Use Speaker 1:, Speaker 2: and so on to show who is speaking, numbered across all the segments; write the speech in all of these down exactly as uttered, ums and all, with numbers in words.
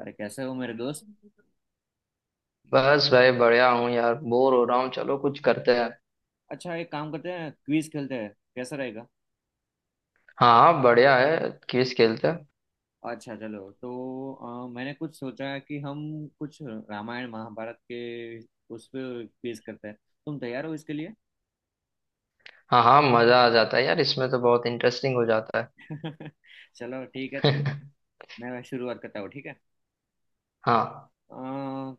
Speaker 1: अरे कैसे हो मेरे दोस्त।
Speaker 2: बस भाई बढ़िया हूँ यार। बोर हो रहा हूँ, चलो कुछ करते हैं।
Speaker 1: अच्छा, एक काम करते हैं, क्विज खेलते हैं, कैसा रहेगा?
Speaker 2: हाँ हाँ, बढ़िया है, क्विज खेलते हैं।
Speaker 1: अच्छा चलो तो अ, मैंने कुछ सोचा है कि हम कुछ रामायण महाभारत के उस पे क्विज करते हैं। तुम तैयार हो इसके लिए?
Speaker 2: हाँ हाँ, मजा आ जाता है यार इसमें तो, बहुत इंटरेस्टिंग हो जाता
Speaker 1: चलो ठीक है तो
Speaker 2: है।
Speaker 1: मैं मैं शुरुआत करता हूँ, ठीक है?
Speaker 2: हाँ।
Speaker 1: अ,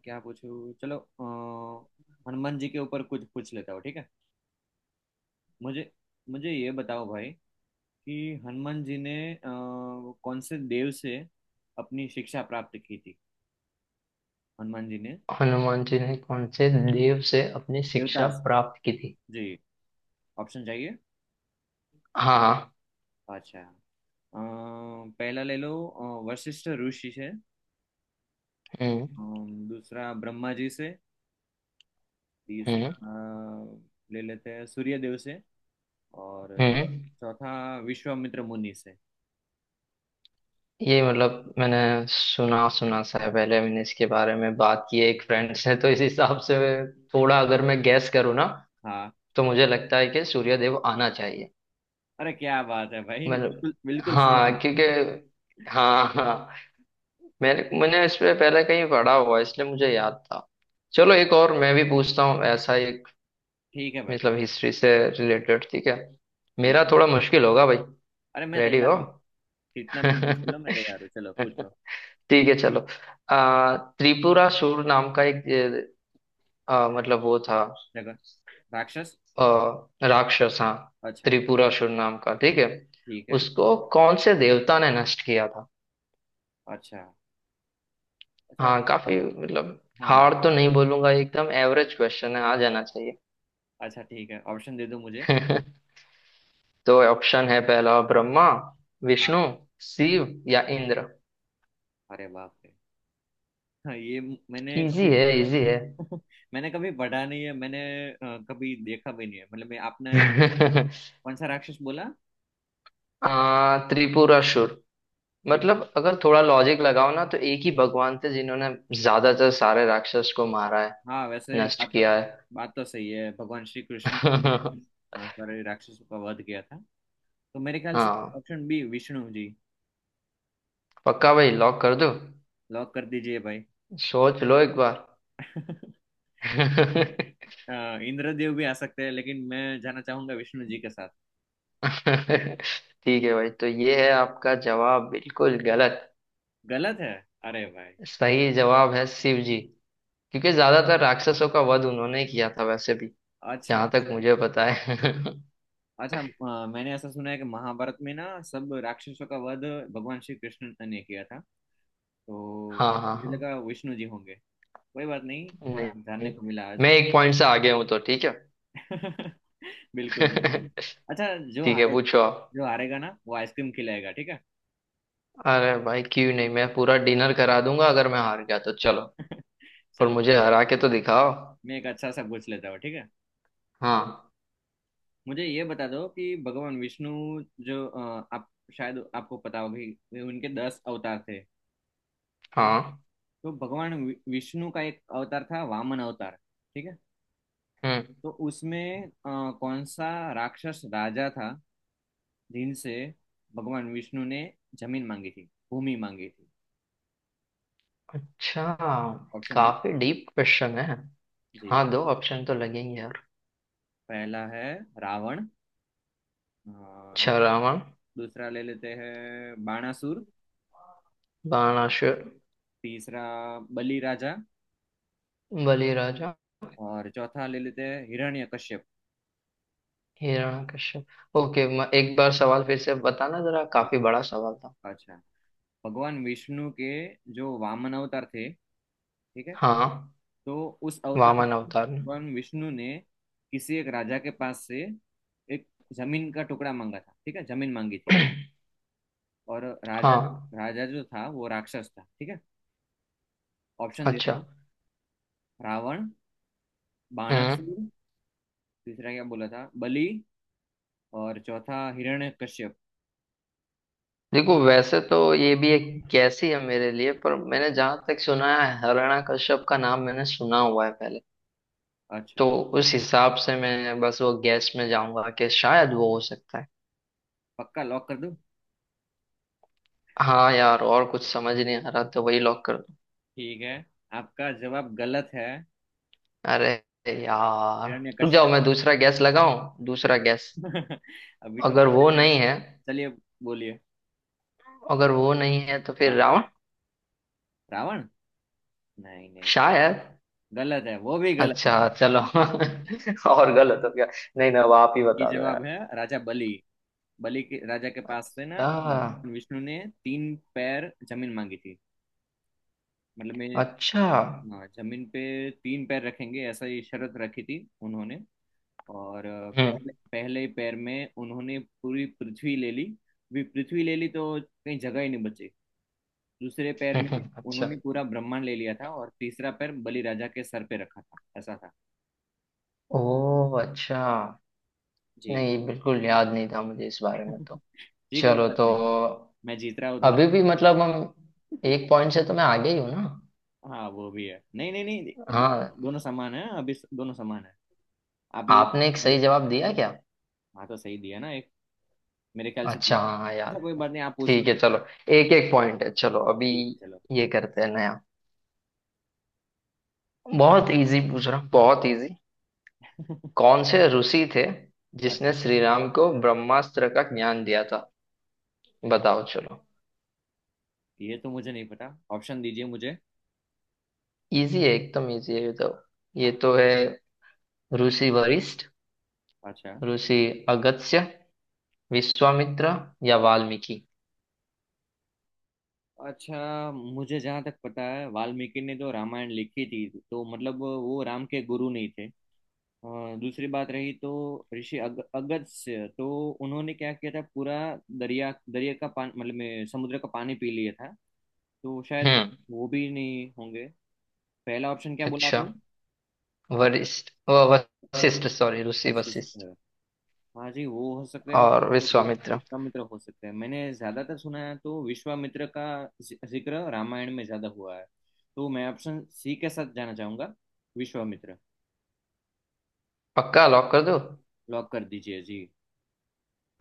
Speaker 1: क्या पूछूं, चलो अ, हनुमान जी के ऊपर कुछ पूछ लेता हूँ, ठीक है। मुझे मुझे ये बताओ भाई कि हनुमान जी ने अ, कौन से देव से अपनी शिक्षा प्राप्त की थी। हनुमान जी ने,
Speaker 2: हनुमान जी ने कौन से देव से अपनी शिक्षा
Speaker 1: देवदास
Speaker 2: प्राप्त की थी?
Speaker 1: जी। ऑप्शन चाहिए?
Speaker 2: हाँ हाँ।
Speaker 1: अच्छा, अम, पहला ले लो अ, वशिष्ठ ऋषि से।
Speaker 2: हम्म।
Speaker 1: अम, दूसरा, ब्रह्मा जी से।
Speaker 2: हम्म।
Speaker 1: तीसरा अ, ले लेते हैं सूर्यदेव से। और
Speaker 2: हम्म।
Speaker 1: चौथा, विश्वामित्र मुनि से।
Speaker 2: ये मतलब मैंने सुना सुना सा है, पहले मैंने इसके बारे में बात की है एक फ्रेंड से, तो इस हिसाब से थोड़ा अगर मैं गैस करूँ ना,
Speaker 1: हाँ,
Speaker 2: तो मुझे लगता है कि सूर्यदेव आना चाहिए।
Speaker 1: अरे क्या बात है भाई,
Speaker 2: मतलब
Speaker 1: बिल्कुल बिल्कुल सही
Speaker 2: हाँ, क्योंकि
Speaker 1: है।
Speaker 2: हाँ हाँ, मैंने मैंने इस पे पहले कहीं पढ़ा हुआ है, इसलिए मुझे याद था। चलो एक और मैं भी पूछता हूँ ऐसा एक,
Speaker 1: ठीक है भाई।
Speaker 2: मतलब हिस्ट्री से रिलेटेड, ठीक है।
Speaker 1: ठीक
Speaker 2: मेरा
Speaker 1: है,
Speaker 2: थोड़ा मुश्किल होगा भाई।
Speaker 1: अरे मैं
Speaker 2: रेडी
Speaker 1: तैयार
Speaker 2: हो?
Speaker 1: हूँ। जितना भी मुश्किल हो, मैं तैयार हूँ, चलो पूछो।
Speaker 2: ठीक है चलो। आ, त्रिपुरा सुर नाम का एक आ, मतलब वो था,
Speaker 1: देखो, राक्षस।
Speaker 2: आ, राक्षस हाँ।
Speaker 1: अच्छा,
Speaker 2: त्रिपुरा सुर नाम का, ठीक है।
Speaker 1: ठीक है।
Speaker 2: उसको कौन से देवता ने नष्ट किया था?
Speaker 1: अच्छा अच्छा।
Speaker 2: हाँ, काफी मतलब
Speaker 1: हाँ,
Speaker 2: हार्ड तो नहीं बोलूंगा, एकदम एवरेज क्वेश्चन है, आ जाना चाहिए।
Speaker 1: अच्छा ठीक है, ऑप्शन दे दो मुझे।
Speaker 2: तो ऑप्शन है, पहला ब्रह्मा, विष्णु,
Speaker 1: हाँ,
Speaker 2: शिव, या इंद्र।
Speaker 1: अरे बाप रे। हाँ, ये म- मैंने
Speaker 2: इजी
Speaker 1: कभी
Speaker 2: है इजी है
Speaker 1: मैंने कभी पढ़ा नहीं है, मैंने अ, कभी देखा भी नहीं है, मतलब मैं आपने। कौन सा राक्षस बोला?
Speaker 2: आ, त्रिपुरासुर
Speaker 1: त्रिप-।
Speaker 2: मतलब अगर थोड़ा लॉजिक लगाओ ना, तो एक ही भगवान थे जिन्होंने ज्यादातर सारे राक्षस को मारा है,
Speaker 1: हाँ वैसे
Speaker 2: नष्ट
Speaker 1: बात तो
Speaker 2: किया है।
Speaker 1: बात तो सही है, भगवान श्री कृष्ण ने अ, सारे राक्षसों का वध किया था। तो मेरे ख्याल से
Speaker 2: हाँ।
Speaker 1: Option B, Vishnu ji.
Speaker 2: पक्का भाई, लॉक कर दो।
Speaker 1: लॉक कर दीजिए भाई।
Speaker 2: सोच लो एक बार।
Speaker 1: अ, इंद्रदेव भी आ सकते हैं, लेकिन मैं जाना चाहूंगा विष्णु जी के साथ।
Speaker 2: ठीक है भाई, तो ये है आपका जवाब, बिल्कुल गलत।
Speaker 1: गलत है? अरे भाई।
Speaker 2: सही जवाब है शिव जी, क्योंकि ज्यादातर राक्षसों का वध उन्होंने ही किया था वैसे भी,
Speaker 1: अच्छा
Speaker 2: जहां तक
Speaker 1: अच्छा।
Speaker 2: मुझे पता है।
Speaker 1: अच्छा, अ, मैंने ऐसा सुना है कि महाभारत में ना, सब राक्षसों का वध भगवान श्री कृष्ण ने किया था, तो
Speaker 2: हाँ हाँ
Speaker 1: मुझे
Speaker 2: हाँ।
Speaker 1: लगा विष्णु जी होंगे। कोई बात नहीं,
Speaker 2: नहीं।
Speaker 1: थोड़ा जानने
Speaker 2: नहीं।
Speaker 1: को मिला आज।
Speaker 2: मैं एक पॉइंट से आगे हूँ तो ठीक है।
Speaker 1: बिल्कुल बिल्कुल। अच्छा, जो
Speaker 2: ठीक है,
Speaker 1: हारे
Speaker 2: पूछो आप।
Speaker 1: जो हारेगा ना, वो आइसक्रीम खिलाएगा, ठीक है?
Speaker 2: अरे भाई क्यों नहीं, मैं पूरा डिनर करा दूंगा अगर मैं हार गया तो, चलो। पर
Speaker 1: चलो
Speaker 2: मुझे
Speaker 1: चलो,
Speaker 2: हरा के तो दिखाओ।
Speaker 1: मैं एक अच्छा सा पूछ लेता हूँ, ठीक है।
Speaker 2: हाँ।
Speaker 1: मुझे ये बता दो कि भगवान विष्णु, जो अ, आप शायद आपको पता होगी, वे- उनके दस अवतार थे।
Speaker 2: हाँ।
Speaker 1: तो भगवान वि- विष्णु का एक अवतार था, वामन अवतार, ठीक है?
Speaker 2: हम्म।
Speaker 1: तो उसमें अ, कौन सा राक्षस राजा था जिनसे भगवान विष्णु ने जमीन मांगी थी, भूमि मांगी थी?
Speaker 2: अच्छा,
Speaker 1: ऑप्शन दो
Speaker 2: काफी डीप क्वेश्चन है।
Speaker 1: जी।
Speaker 2: हाँ, दो ऑप्शन तो लगेंगे यार।
Speaker 1: पहला है रावण। अ, दू,
Speaker 2: अच्छा रावण।
Speaker 1: दूसरा ले लेते हैं बाणासुर।
Speaker 2: बाणासुर।
Speaker 1: तीसरा, बलि राजा।
Speaker 2: बलि राजा।
Speaker 1: और चौथा ले लेते हैं हिरण्यकश्यप
Speaker 2: हिरण्यकश्यप। ओके। म- एक बार सवाल फिर से बताना जरा,
Speaker 1: जी।
Speaker 2: काफी बड़ा सवाल था।
Speaker 1: अच्छा, भगवान विष्णु के जो वामन अवतार थे, ठीक है?
Speaker 2: हाँ।
Speaker 1: तो उस अवतार
Speaker 2: वामन
Speaker 1: में
Speaker 2: अवतार ने।
Speaker 1: भगवान विष्णु ने किसी एक राजा के पास से एक जमीन का टुकड़ा मांगा था, ठीक है, जमीन मांगी थी। और राजा
Speaker 2: हाँ।
Speaker 1: राजा जो था वो राक्षस था, ठीक है? ऑप्शन दे रहा
Speaker 2: अच्छा।
Speaker 1: हूँ। रावण, बाणासुर,
Speaker 2: हम्म।
Speaker 1: तीसरा क्या बोला था, बलि, और चौथा हिरण्यकश्यप।
Speaker 2: देखो वैसे तो ये भी एक कैसी है मेरे लिए, पर मैंने जहां तक सुना है, हिरण्यकश्यप का नाम मैंने सुना हुआ है पहले, तो
Speaker 1: अच्छा,
Speaker 2: उस हिसाब से मैं बस वो गैस में जाऊंगा कि शायद वो हो सकता है।
Speaker 1: पक्का लॉक कर दूं?
Speaker 2: हाँ यार, और कुछ समझ नहीं आ रहा, तो वही लॉक कर।
Speaker 1: ठीक है, आपका जवाब गलत है,
Speaker 2: अरे यार। रुक जाओ,
Speaker 1: हिरण्यकश्यप।
Speaker 2: मैं दूसरा गैस लगाऊं, दूसरा गैस।
Speaker 1: अभी तो आ
Speaker 2: अगर वो
Speaker 1: जाएगा।
Speaker 2: नहीं है,
Speaker 1: चलिए, बोलिए।
Speaker 2: अगर वो नहीं है तो फिर
Speaker 1: हाँ,
Speaker 2: रावण
Speaker 1: रावण? नहीं नहीं,
Speaker 2: शायद।
Speaker 1: गलत है, वो भी गलत है
Speaker 2: अच्छा
Speaker 1: भाई।
Speaker 2: चलो, और गलत हो गया। नहीं ना, अब आप ही
Speaker 1: ये
Speaker 2: बता दो
Speaker 1: जवाब
Speaker 2: यार।
Speaker 1: है राजा बलि। बलि के राजा के पास से ना
Speaker 2: अच्छा।
Speaker 1: भगवान विष्णु ने तीन पैर जमीन मांगी थी। मतलब मैं,
Speaker 2: अच्छा।
Speaker 1: हाँ, जमीन पे तीन पैर रखेंगे, ऐसा ये शर्त रखी थी उन्होंने। और अ,
Speaker 2: हम्म।
Speaker 1: पहले पहले ही पैर में उन्होंने पूरी पृथ्वी ले ली, भी पृथ्वी ले ली, तो कहीं जगह ही नहीं बची। दूसरे पैर में
Speaker 2: अच्छा।
Speaker 1: उन्होंने पूरा ब्रह्मांड ले लिया था, और तीसरा पैर बलि राजा के सर पे रखा था, ऐसा था
Speaker 2: ओ अच्छा।
Speaker 1: जी।
Speaker 2: नहीं, बिल्कुल याद नहीं था मुझे इस बारे में, तो
Speaker 1: जी, कोई
Speaker 2: चलो
Speaker 1: बात
Speaker 2: तो।
Speaker 1: नहीं, मैं जीत रहा हूँ थोड़ा।
Speaker 2: अभी भी मतलब हम, एक पॉइंट से तो मैं आगे ही हूँ ना।
Speaker 1: हाँ वो भी है, नहीं नहीं नहीं,
Speaker 2: हाँ।
Speaker 1: दोनों दोनों समान है अभी, स- दोनों समान है। आप ये,
Speaker 2: आपने एक सही जवाब दिया क्या?
Speaker 1: हाँ, तो सही दिया ना एक। मेरे ख्याल से
Speaker 2: अच्छा
Speaker 1: दिया।
Speaker 2: हाँ यार।
Speaker 1: अच्छा, कोई बात नहीं, आप पूछ
Speaker 2: ठीक है
Speaker 1: लो।
Speaker 2: चलो। एक एक पॉइंट है चलो अभी।
Speaker 1: ठीक है, चलो।
Speaker 2: ये करते हैं नया। बहुत इजी पूछ रहा हूँ, बहुत इजी। कौन से ऋषि थे जिसने
Speaker 1: अच्छा,
Speaker 2: श्री राम को ब्रह्मास्त्र का ज्ञान दिया था? बताओ चलो।
Speaker 1: ये तो मुझे नहीं पता, ऑप्शन दीजिए मुझे।
Speaker 2: इजी है, एकदम इजी है ये तो। ये तो है ऋषि वशिष्ठ,
Speaker 1: अच्छा
Speaker 2: ऋषि अगस्त्य, विश्वामित्र, या वाल्मीकि।
Speaker 1: अच्छा, मुझे जहाँ तक पता है, वाल्मीकि ने जो रामायण लिखी थी, तो मतलब वो राम के गुरु नहीं थे। और दूसरी बात रही, तो ऋषि अग, अगस्त्य, तो उन्होंने क्या किया था, पूरा दरिया, दरिया का पानी, मतलब में समुद्र का पानी पी लिया था, तो शायद
Speaker 2: हम्म।
Speaker 1: वो भी नहीं होंगे। पहला ऑप्शन क्या बोला
Speaker 2: अच्छा।
Speaker 1: आपने,
Speaker 2: वरिष्ठ व- वशिष्ठ, सॉरी ऋषि
Speaker 1: वशिष्ठ?
Speaker 2: वशिष्ठ,
Speaker 1: हाँ जी, वो हो सकते हैं, और
Speaker 2: और
Speaker 1: तो वि-
Speaker 2: विश्वामित्र।
Speaker 1: विश्वामित्र हो सकते हैं, मैंने ज्यादातर सुना है तो विश्वामित्र का जि- जिक्र रामायण में ज्यादा हुआ है। तो मैं ऑप्शन सी के साथ जाना चाहूंगा, विश्वामित्र।
Speaker 2: पक्का लॉक कर दो।
Speaker 1: लॉक कर दीजिए जी।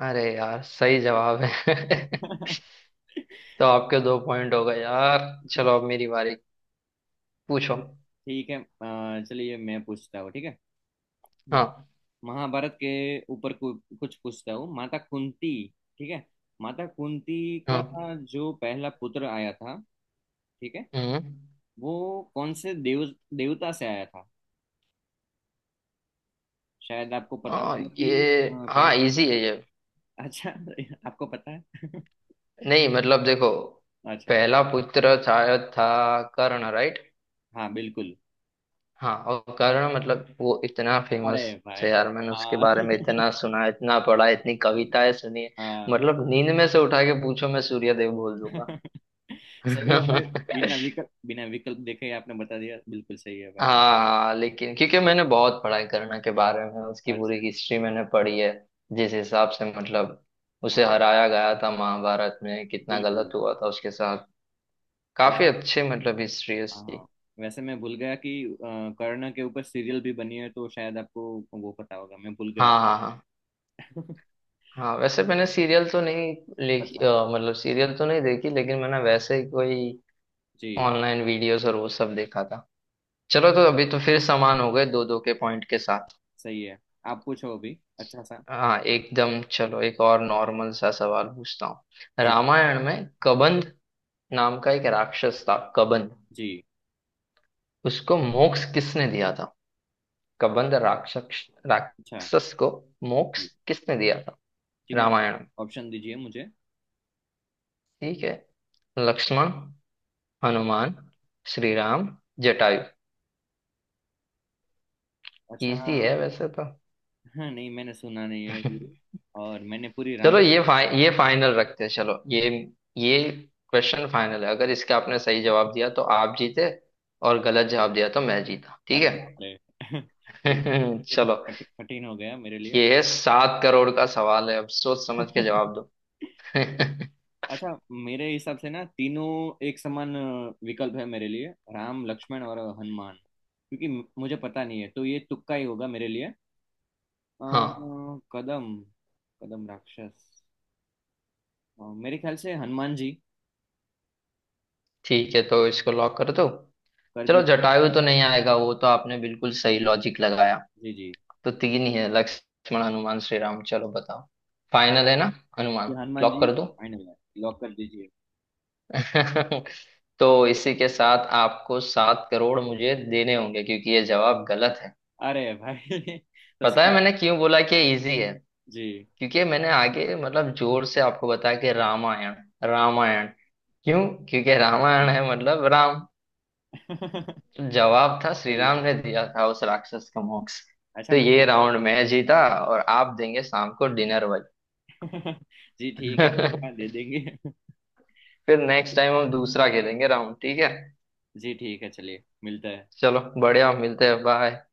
Speaker 2: अरे यार सही जवाब है। तो आपके दो पॉइंट हो गए यार। चलो अब मेरी बारी। पूछो।
Speaker 1: ठीक है, अ, चलिए मैं पूछता हूँ ठीक है। म-
Speaker 2: हाँ।
Speaker 1: महाभारत के ऊपर कु, कुछ पूछता हूँ, माता कुंती, ठीक है? माता कुंती का
Speaker 2: हाँ।
Speaker 1: जो पहला पुत्र आया था, ठीक है,
Speaker 2: हम्म।
Speaker 1: वो कौन से देव देवता से आया था? शायद आपको पता
Speaker 2: आ,
Speaker 1: होगा कि
Speaker 2: ये
Speaker 1: अ,
Speaker 2: हाँ,
Speaker 1: पहले,
Speaker 2: इजी है ये।
Speaker 1: अच्छा आपको पता है
Speaker 2: नहीं मतलब देखो,
Speaker 1: अच्छा,
Speaker 2: पहला पुत्र शायद था कर्ण, राइट?
Speaker 1: हाँ बिल्कुल,
Speaker 2: हाँ, और कर्ण मतलब वो इतना
Speaker 1: अरे
Speaker 2: फेमस है
Speaker 1: भाई।
Speaker 2: यार, मैंने उसके
Speaker 1: हाँ
Speaker 2: बारे में इतना सुना, इतना पढ़ा, इतनी कविताएं सुनी है।
Speaker 1: हाँ
Speaker 2: मतलब नींद में से उठा के पूछो, मैं सूर्यदेव बोल दूंगा।
Speaker 1: सही है भाई, बिना विकल्प, बिना विकल्प देखे ही आपने बता दिया, बिल्कुल सही है भाई।
Speaker 2: हाँ, लेकिन क्योंकि मैंने बहुत पढ़ाई करना के बारे में, उसकी पूरी
Speaker 1: अच्छा,
Speaker 2: हिस्ट्री मैंने पढ़ी है। जिस हिसाब से मतलब
Speaker 1: हाँ
Speaker 2: उसे
Speaker 1: हाँ,
Speaker 2: हराया गया था महाभारत में, कितना गलत
Speaker 1: बिल्कुल।
Speaker 2: हुआ था उसके साथ। काफी
Speaker 1: वैसे,
Speaker 2: अच्छे मतलब हिस्ट्री है
Speaker 1: हाँ
Speaker 2: उसकी।
Speaker 1: हाँ, वैसे मैं भूल गया कि अ, कर्ण के ऊपर सीरियल भी बनी है, तो शायद आपको वो पता होगा, मैं भूल गया
Speaker 2: हाँ हाँ हाँ।
Speaker 1: था।
Speaker 2: हाँ वैसे मैंने सीरियल तो नहीं लेखी, अ,
Speaker 1: अच्छा
Speaker 2: मतलब सीरियल तो नहीं देखी, लेकिन मैंने वैसे ही कोई
Speaker 1: जी,
Speaker 2: ऑनलाइन वीडियोस और वो सब देखा था। चलो तो अभी तो फिर समान हो गए, दो दो के पॉइंट के साथ।
Speaker 1: सही है। आप पूछो अभी अच्छा सा।
Speaker 2: हाँ एकदम। चलो एक और नॉर्मल सा सवाल पूछता हूँ।
Speaker 1: जी
Speaker 2: रामायण में कबंध नाम का एक राक्षस था, कबंध,
Speaker 1: जी,
Speaker 2: उसको मोक्ष किसने दिया था? कबंध राक्षस
Speaker 1: अच्छा,
Speaker 2: राक्षस को मोक्ष
Speaker 1: जी
Speaker 2: किसने दिया था
Speaker 1: जी, मुझे
Speaker 2: रामायण में।
Speaker 1: ऑप्शन दीजिए मुझे।
Speaker 2: ठीक है, लक्ष्मण,
Speaker 1: जी।
Speaker 2: हनुमान, श्री राम, जटायु।
Speaker 1: अच्छा,
Speaker 2: इजी है वैसे तो।
Speaker 1: हाँ नहीं, मैंने सुना नहीं है ये, और मैंने पूरी रामायण,
Speaker 2: चलो ये फाइ, ये फाइनल रखते हैं, चलो ये ये क्वेश्चन फाइनल है। अगर इसका आपने सही जवाब दिया तो आप जीते, और गलत जवाब दिया तो मैं जीता, ठीक
Speaker 1: अरे बाप रे। ये
Speaker 2: है।
Speaker 1: तो थोड़ा
Speaker 2: चलो,
Speaker 1: कठिन कठिन हो गया मेरे
Speaker 2: ये है सात करोड़ का सवाल है, अब सोच समझ के
Speaker 1: लिए।
Speaker 2: जवाब दो।
Speaker 1: अच्छा, मेरे हिसाब से ना, तीनों एक समान अ, विकल्प है मेरे लिए, राम, लक्ष्मण और हनुमान, क्योंकि म- मुझे पता नहीं है, तो ये तुक्का ही होगा मेरे लिए। अ,
Speaker 2: हाँ
Speaker 1: कदम, कदम राक्षस, अ, मेरे ख्याल से हनुमान जी।
Speaker 2: ठीक है तो इसको लॉक कर दो।
Speaker 1: कर
Speaker 2: चलो
Speaker 1: दीजिए
Speaker 2: जटायु तो नहीं आएगा वो, तो आपने बिल्कुल सही लॉजिक लगाया।
Speaker 1: जी। जी,
Speaker 2: तो तीन ही है, लक्ष्मण, हनुमान, श्री राम, चलो बताओ। फाइनल है ना?
Speaker 1: ये
Speaker 2: हनुमान?
Speaker 1: हनुमान
Speaker 2: लॉक
Speaker 1: जी
Speaker 2: कर दो।
Speaker 1: फाइनल है, लॉक कर दीजिए।
Speaker 2: तो इसी के साथ आपको सात करोड़ मुझे देने होंगे, क्योंकि ये जवाब गलत है।
Speaker 1: अरे भाई तो
Speaker 2: पता है
Speaker 1: सही
Speaker 2: मैंने क्यों बोला कि इजी है?
Speaker 1: जी।
Speaker 2: क्योंकि मैंने आगे मतलब जोर से आपको बताया कि रामायण रामायण क्यों, क्योंकि
Speaker 1: हाँ,
Speaker 2: रामायण
Speaker 1: हाँ।
Speaker 2: है, मतलब राम।
Speaker 1: सही
Speaker 2: जवाब था श्री
Speaker 1: है।
Speaker 2: राम ने दिया था उस राक्षस का मोक्ष।
Speaker 1: अच्छा
Speaker 2: तो
Speaker 1: मैं,
Speaker 2: ये राउंड मैं जीता, और आप देंगे शाम को डिनर
Speaker 1: जी ठीक है, पक्का
Speaker 2: वाली।
Speaker 1: दे देंगे।
Speaker 2: फिर नेक्स्ट टाइम हम दूसरा खेलेंगे राउंड, ठीक है।
Speaker 1: जी ठीक है, चलिए, मिलता है।
Speaker 2: चलो बढ़िया, मिलते हैं, बाय।